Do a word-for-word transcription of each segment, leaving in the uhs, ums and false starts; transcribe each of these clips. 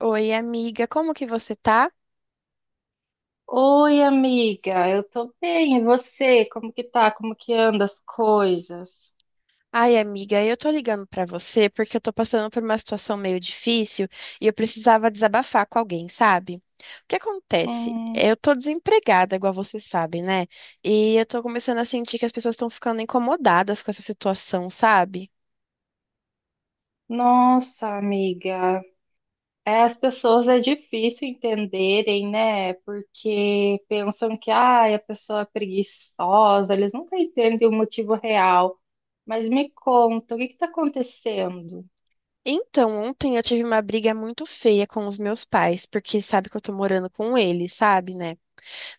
Oi, amiga, como que você tá? Oi, amiga, eu tô bem. E você? Como que tá? Como que anda as coisas? Ai, amiga, eu tô ligando pra você porque eu tô passando por uma situação meio difícil e eu precisava desabafar com alguém, sabe? O que acontece? Hum, Eu tô desempregada, igual você sabe, né? E eu tô começando a sentir que as pessoas estão ficando incomodadas com essa situação, sabe? nossa, amiga, é, as pessoas é difícil entenderem, né? Porque pensam que ai, a pessoa é preguiçosa, eles nunca entendem o motivo real. Mas me conta, o que que tá acontecendo? Então, ontem eu tive uma briga muito feia com os meus pais, porque sabe que eu tô morando com eles, sabe, né?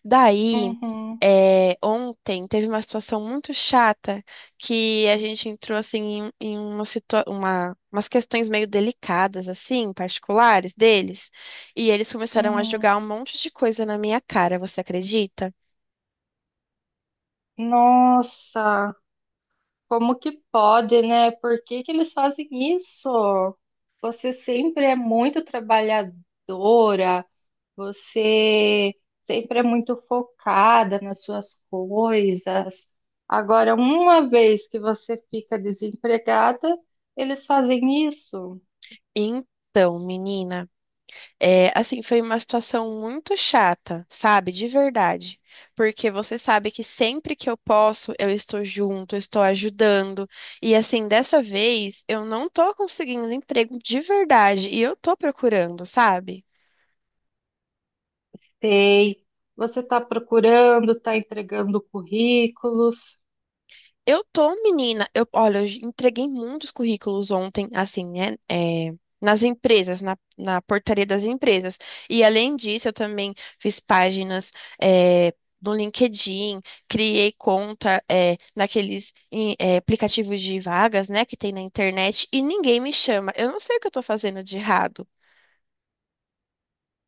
Daí, Uhum, é, ontem teve uma situação muito chata que a gente entrou assim em, em uma situa uma, umas questões meio delicadas, assim, particulares deles, e eles começaram a uhum. jogar um monte de coisa na minha cara, você acredita? Nossa. Como que pode, né? Por que que eles fazem isso? Você sempre é muito trabalhadora, você sempre é muito focada nas suas coisas. Agora, uma vez que você fica desempregada, eles fazem isso. Então, menina. É, assim, foi uma situação muito chata, sabe? De verdade. Porque você sabe que sempre que eu posso, eu estou junto, eu estou ajudando. E assim, dessa vez, eu não tô conseguindo emprego de verdade e eu tô procurando, sabe? Tem. Você está procurando, está entregando currículos. Eu tô, menina. Eu, olha, eu entreguei muitos currículos ontem, assim, né? é, nas empresas, na, na portaria das empresas. E além disso, eu também fiz páginas, é, no LinkedIn, criei conta, é, naqueles em, é, aplicativos de vagas, né, que tem na internet, e ninguém me chama. Eu não sei o que eu tô fazendo de errado.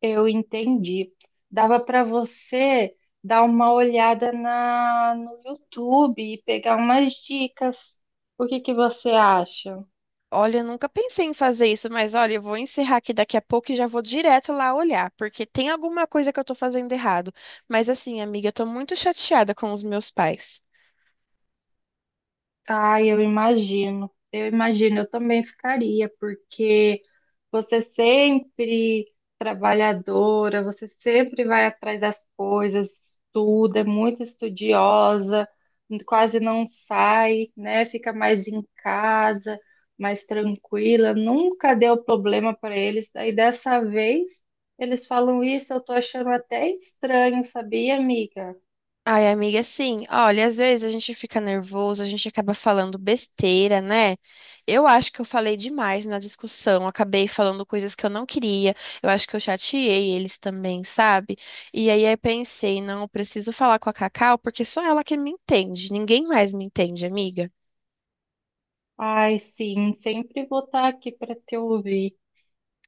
Eu entendi. Dava para você dar uma olhada na, no YouTube e pegar umas dicas. O que que você acha? Olha, eu nunca pensei em fazer isso, mas olha, eu vou encerrar aqui daqui a pouco e já vou direto lá olhar, porque tem alguma coisa que eu tô fazendo errado. Mas assim, amiga, eu tô muito chateada com os meus pais. Ah, eu imagino. Eu imagino, eu também ficaria, porque você sempre trabalhadora, você sempre vai atrás das coisas, estuda, é muito estudiosa, quase não sai, né? Fica mais em casa, mais tranquila, nunca deu problema para eles. Daí dessa vez eles falam isso, eu tô achando até estranho, sabia, amiga? Ai, amiga, sim, olha, às vezes a gente fica nervoso, a gente acaba falando besteira, né? Eu acho que eu falei demais na discussão, acabei falando coisas que eu não queria, eu acho que eu chateei eles também, sabe? E aí eu pensei, não, eu preciso falar com a Cacau, porque só ela que me entende, ninguém mais me entende, amiga. Ai, sim, sempre vou estar aqui para te ouvir.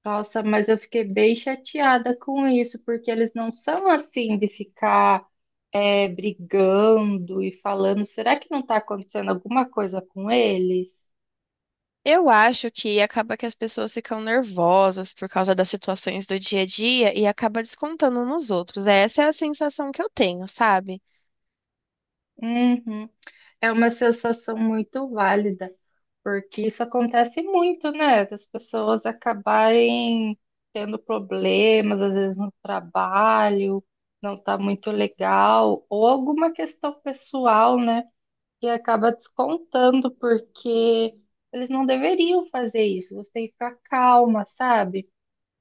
Nossa, mas eu fiquei bem chateada com isso, porque eles não são assim de ficar é, brigando e falando. Será que não está acontecendo alguma coisa com eles? Eu acho que acaba que as pessoas ficam nervosas por causa das situações do dia a dia e acaba descontando nos outros. Essa é a sensação que eu tenho, sabe? Uhum. É uma sensação muito válida, porque isso acontece muito, né? Das pessoas acabarem tendo problemas, às vezes no trabalho, não tá muito legal, ou alguma questão pessoal, né? E acaba descontando, porque eles não deveriam fazer isso. Você tem que ficar calma, sabe?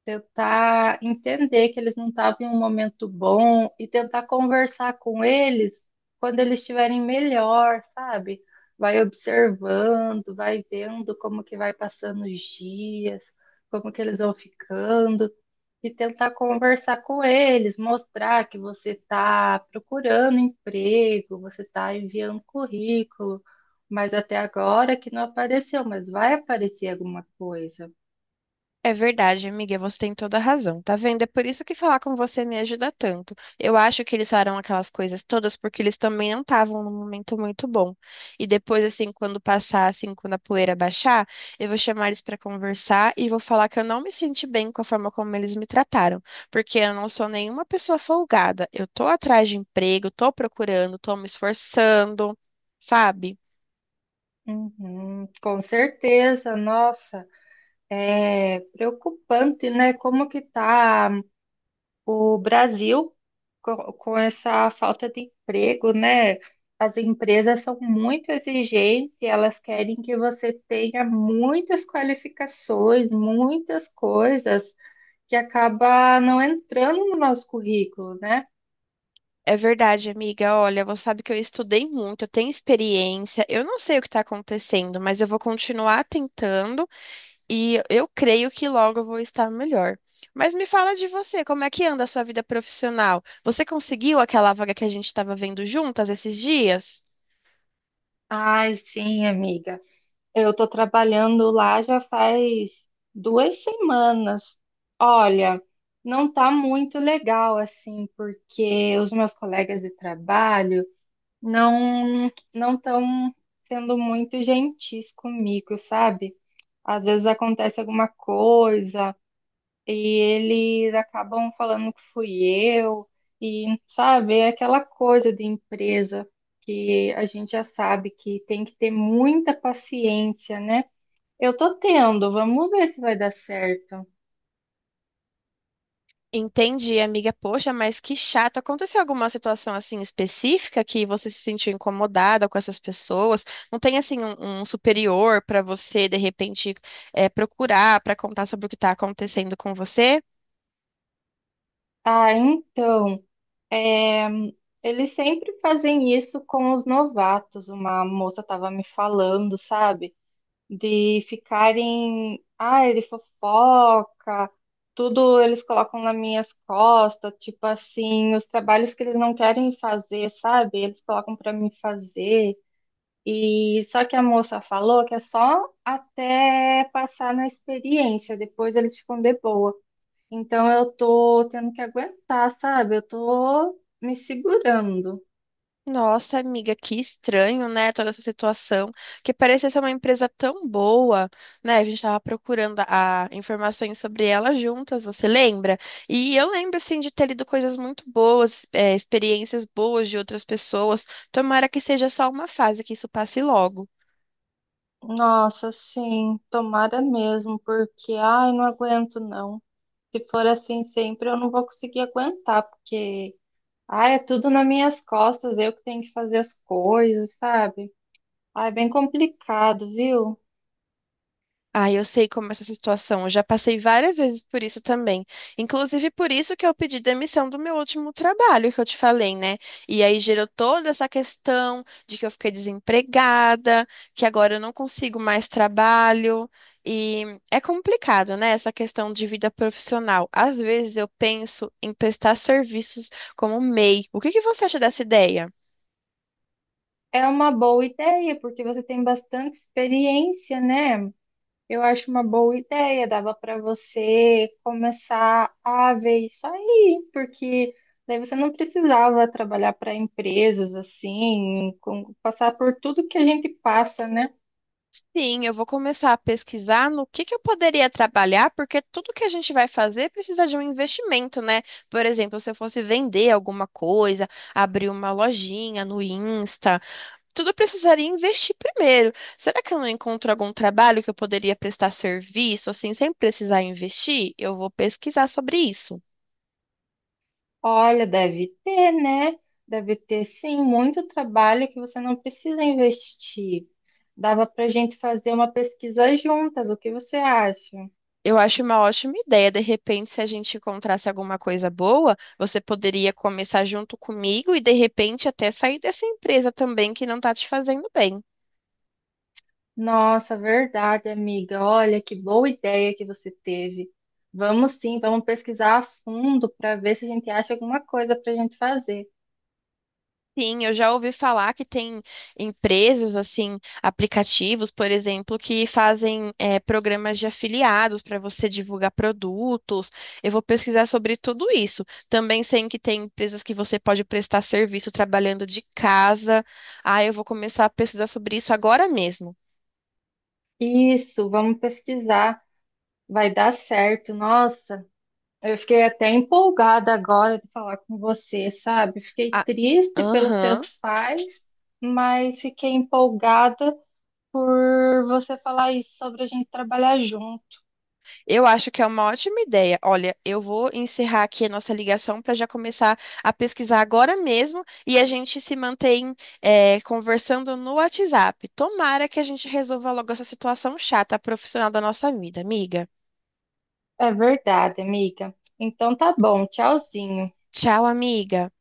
Tentar entender que eles não estavam em um momento bom e tentar conversar com eles quando eles estiverem melhor, sabe? Vai observando, vai vendo como que vai passando os dias, como que eles vão ficando e tentar conversar com eles, mostrar que você está procurando emprego, você está enviando currículo, mas até agora que não apareceu, mas vai aparecer alguma coisa. É verdade, amiga, você tem toda a razão, tá vendo? É por isso que falar com você me ajuda tanto. Eu acho que eles falaram aquelas coisas todas porque eles também não estavam num momento muito bom. E depois, assim, quando passar, assim, quando a poeira baixar, eu vou chamar eles pra conversar e vou falar que eu não me senti bem com a forma como eles me trataram, porque eu não sou nenhuma pessoa folgada. Eu tô atrás de emprego, tô procurando, tô me esforçando, sabe? Uhum, com certeza, nossa, é preocupante, né? Como que tá o Brasil co- com, essa falta de emprego, né? As empresas são muito exigentes, elas querem que você tenha muitas qualificações, muitas coisas que acaba não entrando no nosso currículo, né? É verdade, amiga. Olha, você sabe que eu estudei muito, eu tenho experiência. Eu não sei o que está acontecendo, mas eu vou continuar tentando e eu creio que logo eu vou estar melhor. Mas me fala de você, como é que anda a sua vida profissional? Você conseguiu aquela vaga que a gente estava vendo juntas esses dias? Ai, sim, amiga. Eu estou trabalhando lá já faz duas semanas. Olha, não está muito legal assim, porque os meus colegas de trabalho não não estão sendo muito gentis comigo, sabe? Às vezes acontece alguma coisa e eles acabam falando que fui eu e sabe, é aquela coisa de empresa que a gente já sabe que tem que ter muita paciência, né? Eu tô tendo, vamos ver se vai dar certo. Entendi, amiga. Poxa, mas que chato. Aconteceu alguma situação assim específica que você se sentiu incomodada com essas pessoas? Não tem assim um, um superior para você de repente é, procurar para contar sobre o que está acontecendo com você? Ah, então, é, eles sempre fazem isso com os novatos. Uma moça tava me falando, sabe? De ficarem, ah, ele fofoca, tudo eles colocam nas minhas costas, tipo assim, os trabalhos que eles não querem fazer, sabe? Eles colocam pra mim fazer. E só que a moça falou que é só até passar na experiência, depois eles ficam de boa. Então eu tô tendo que aguentar, sabe? Eu tô me segurando. Nossa, amiga, que estranho, né? Toda essa situação, que parecia ser uma empresa tão boa, né? A gente estava procurando a, informações sobre ela juntas, você lembra? E eu lembro, assim, de ter lido coisas muito boas, é, experiências boas de outras pessoas. Tomara que seja só uma fase, que isso passe logo. Nossa, sim, tomara mesmo, porque ai, não aguento não. Se for assim sempre, eu não vou conseguir aguentar, porque ai, é tudo nas minhas costas, eu que tenho que fazer as coisas, sabe? Ai, é bem complicado, viu? Ah, eu sei como é essa situação. Eu já passei várias vezes por isso também. Inclusive por isso que eu pedi demissão do meu último trabalho, que eu te falei, né? E aí gerou toda essa questão de que eu fiquei desempregada, que agora eu não consigo mais trabalho. E é complicado, né? Essa questão de vida profissional. Às vezes eu penso em prestar serviços como MEI. O que que você acha dessa ideia? É uma boa ideia, porque você tem bastante experiência, né? Eu acho uma boa ideia, dava para você começar a ver isso aí, porque daí você não precisava trabalhar para empresas assim, com- passar por tudo que a gente passa, né? Sim, eu vou começar a pesquisar no que que eu poderia trabalhar, porque tudo que a gente vai fazer precisa de um investimento, né? Por exemplo, se eu fosse vender alguma coisa, abrir uma lojinha no Insta, tudo eu precisaria investir primeiro. Será que eu não encontro algum trabalho que eu poderia prestar serviço assim sem precisar investir? Eu vou pesquisar sobre isso. Olha, deve ter, né? Deve ter sim muito trabalho que você não precisa investir. Dava para a gente fazer uma pesquisa juntas, o que você acha? Eu acho uma ótima ideia. De repente, se a gente encontrasse alguma coisa boa, você poderia começar junto comigo e de repente até sair dessa empresa também que não está te fazendo bem. Nossa, verdade, amiga. Olha que boa ideia que você teve. Vamos sim, vamos pesquisar a fundo para ver se a gente acha alguma coisa para a gente fazer. Sim, eu já ouvi falar que tem empresas, assim, aplicativos, por exemplo, que fazem eh, programas de afiliados para você divulgar produtos. Eu vou pesquisar sobre tudo isso. Também sei que tem empresas que você pode prestar serviço trabalhando de casa. Ah, eu vou começar a pesquisar sobre isso agora mesmo. Isso, vamos pesquisar. Vai dar certo. Nossa, eu fiquei até empolgada agora de falar com você, sabe? Fiquei Ah, triste pelos aham. seus pais, mas fiquei empolgada por você falar isso sobre a gente trabalhar junto. Eu acho que é uma ótima ideia. Olha, eu vou encerrar aqui a nossa ligação para já começar a pesquisar agora mesmo e a gente se mantém eh, conversando no WhatsApp. Tomara que a gente resolva logo essa situação chata profissional da nossa vida, amiga. É verdade, amiga. Então tá bom, tchauzinho. Tchau, amiga.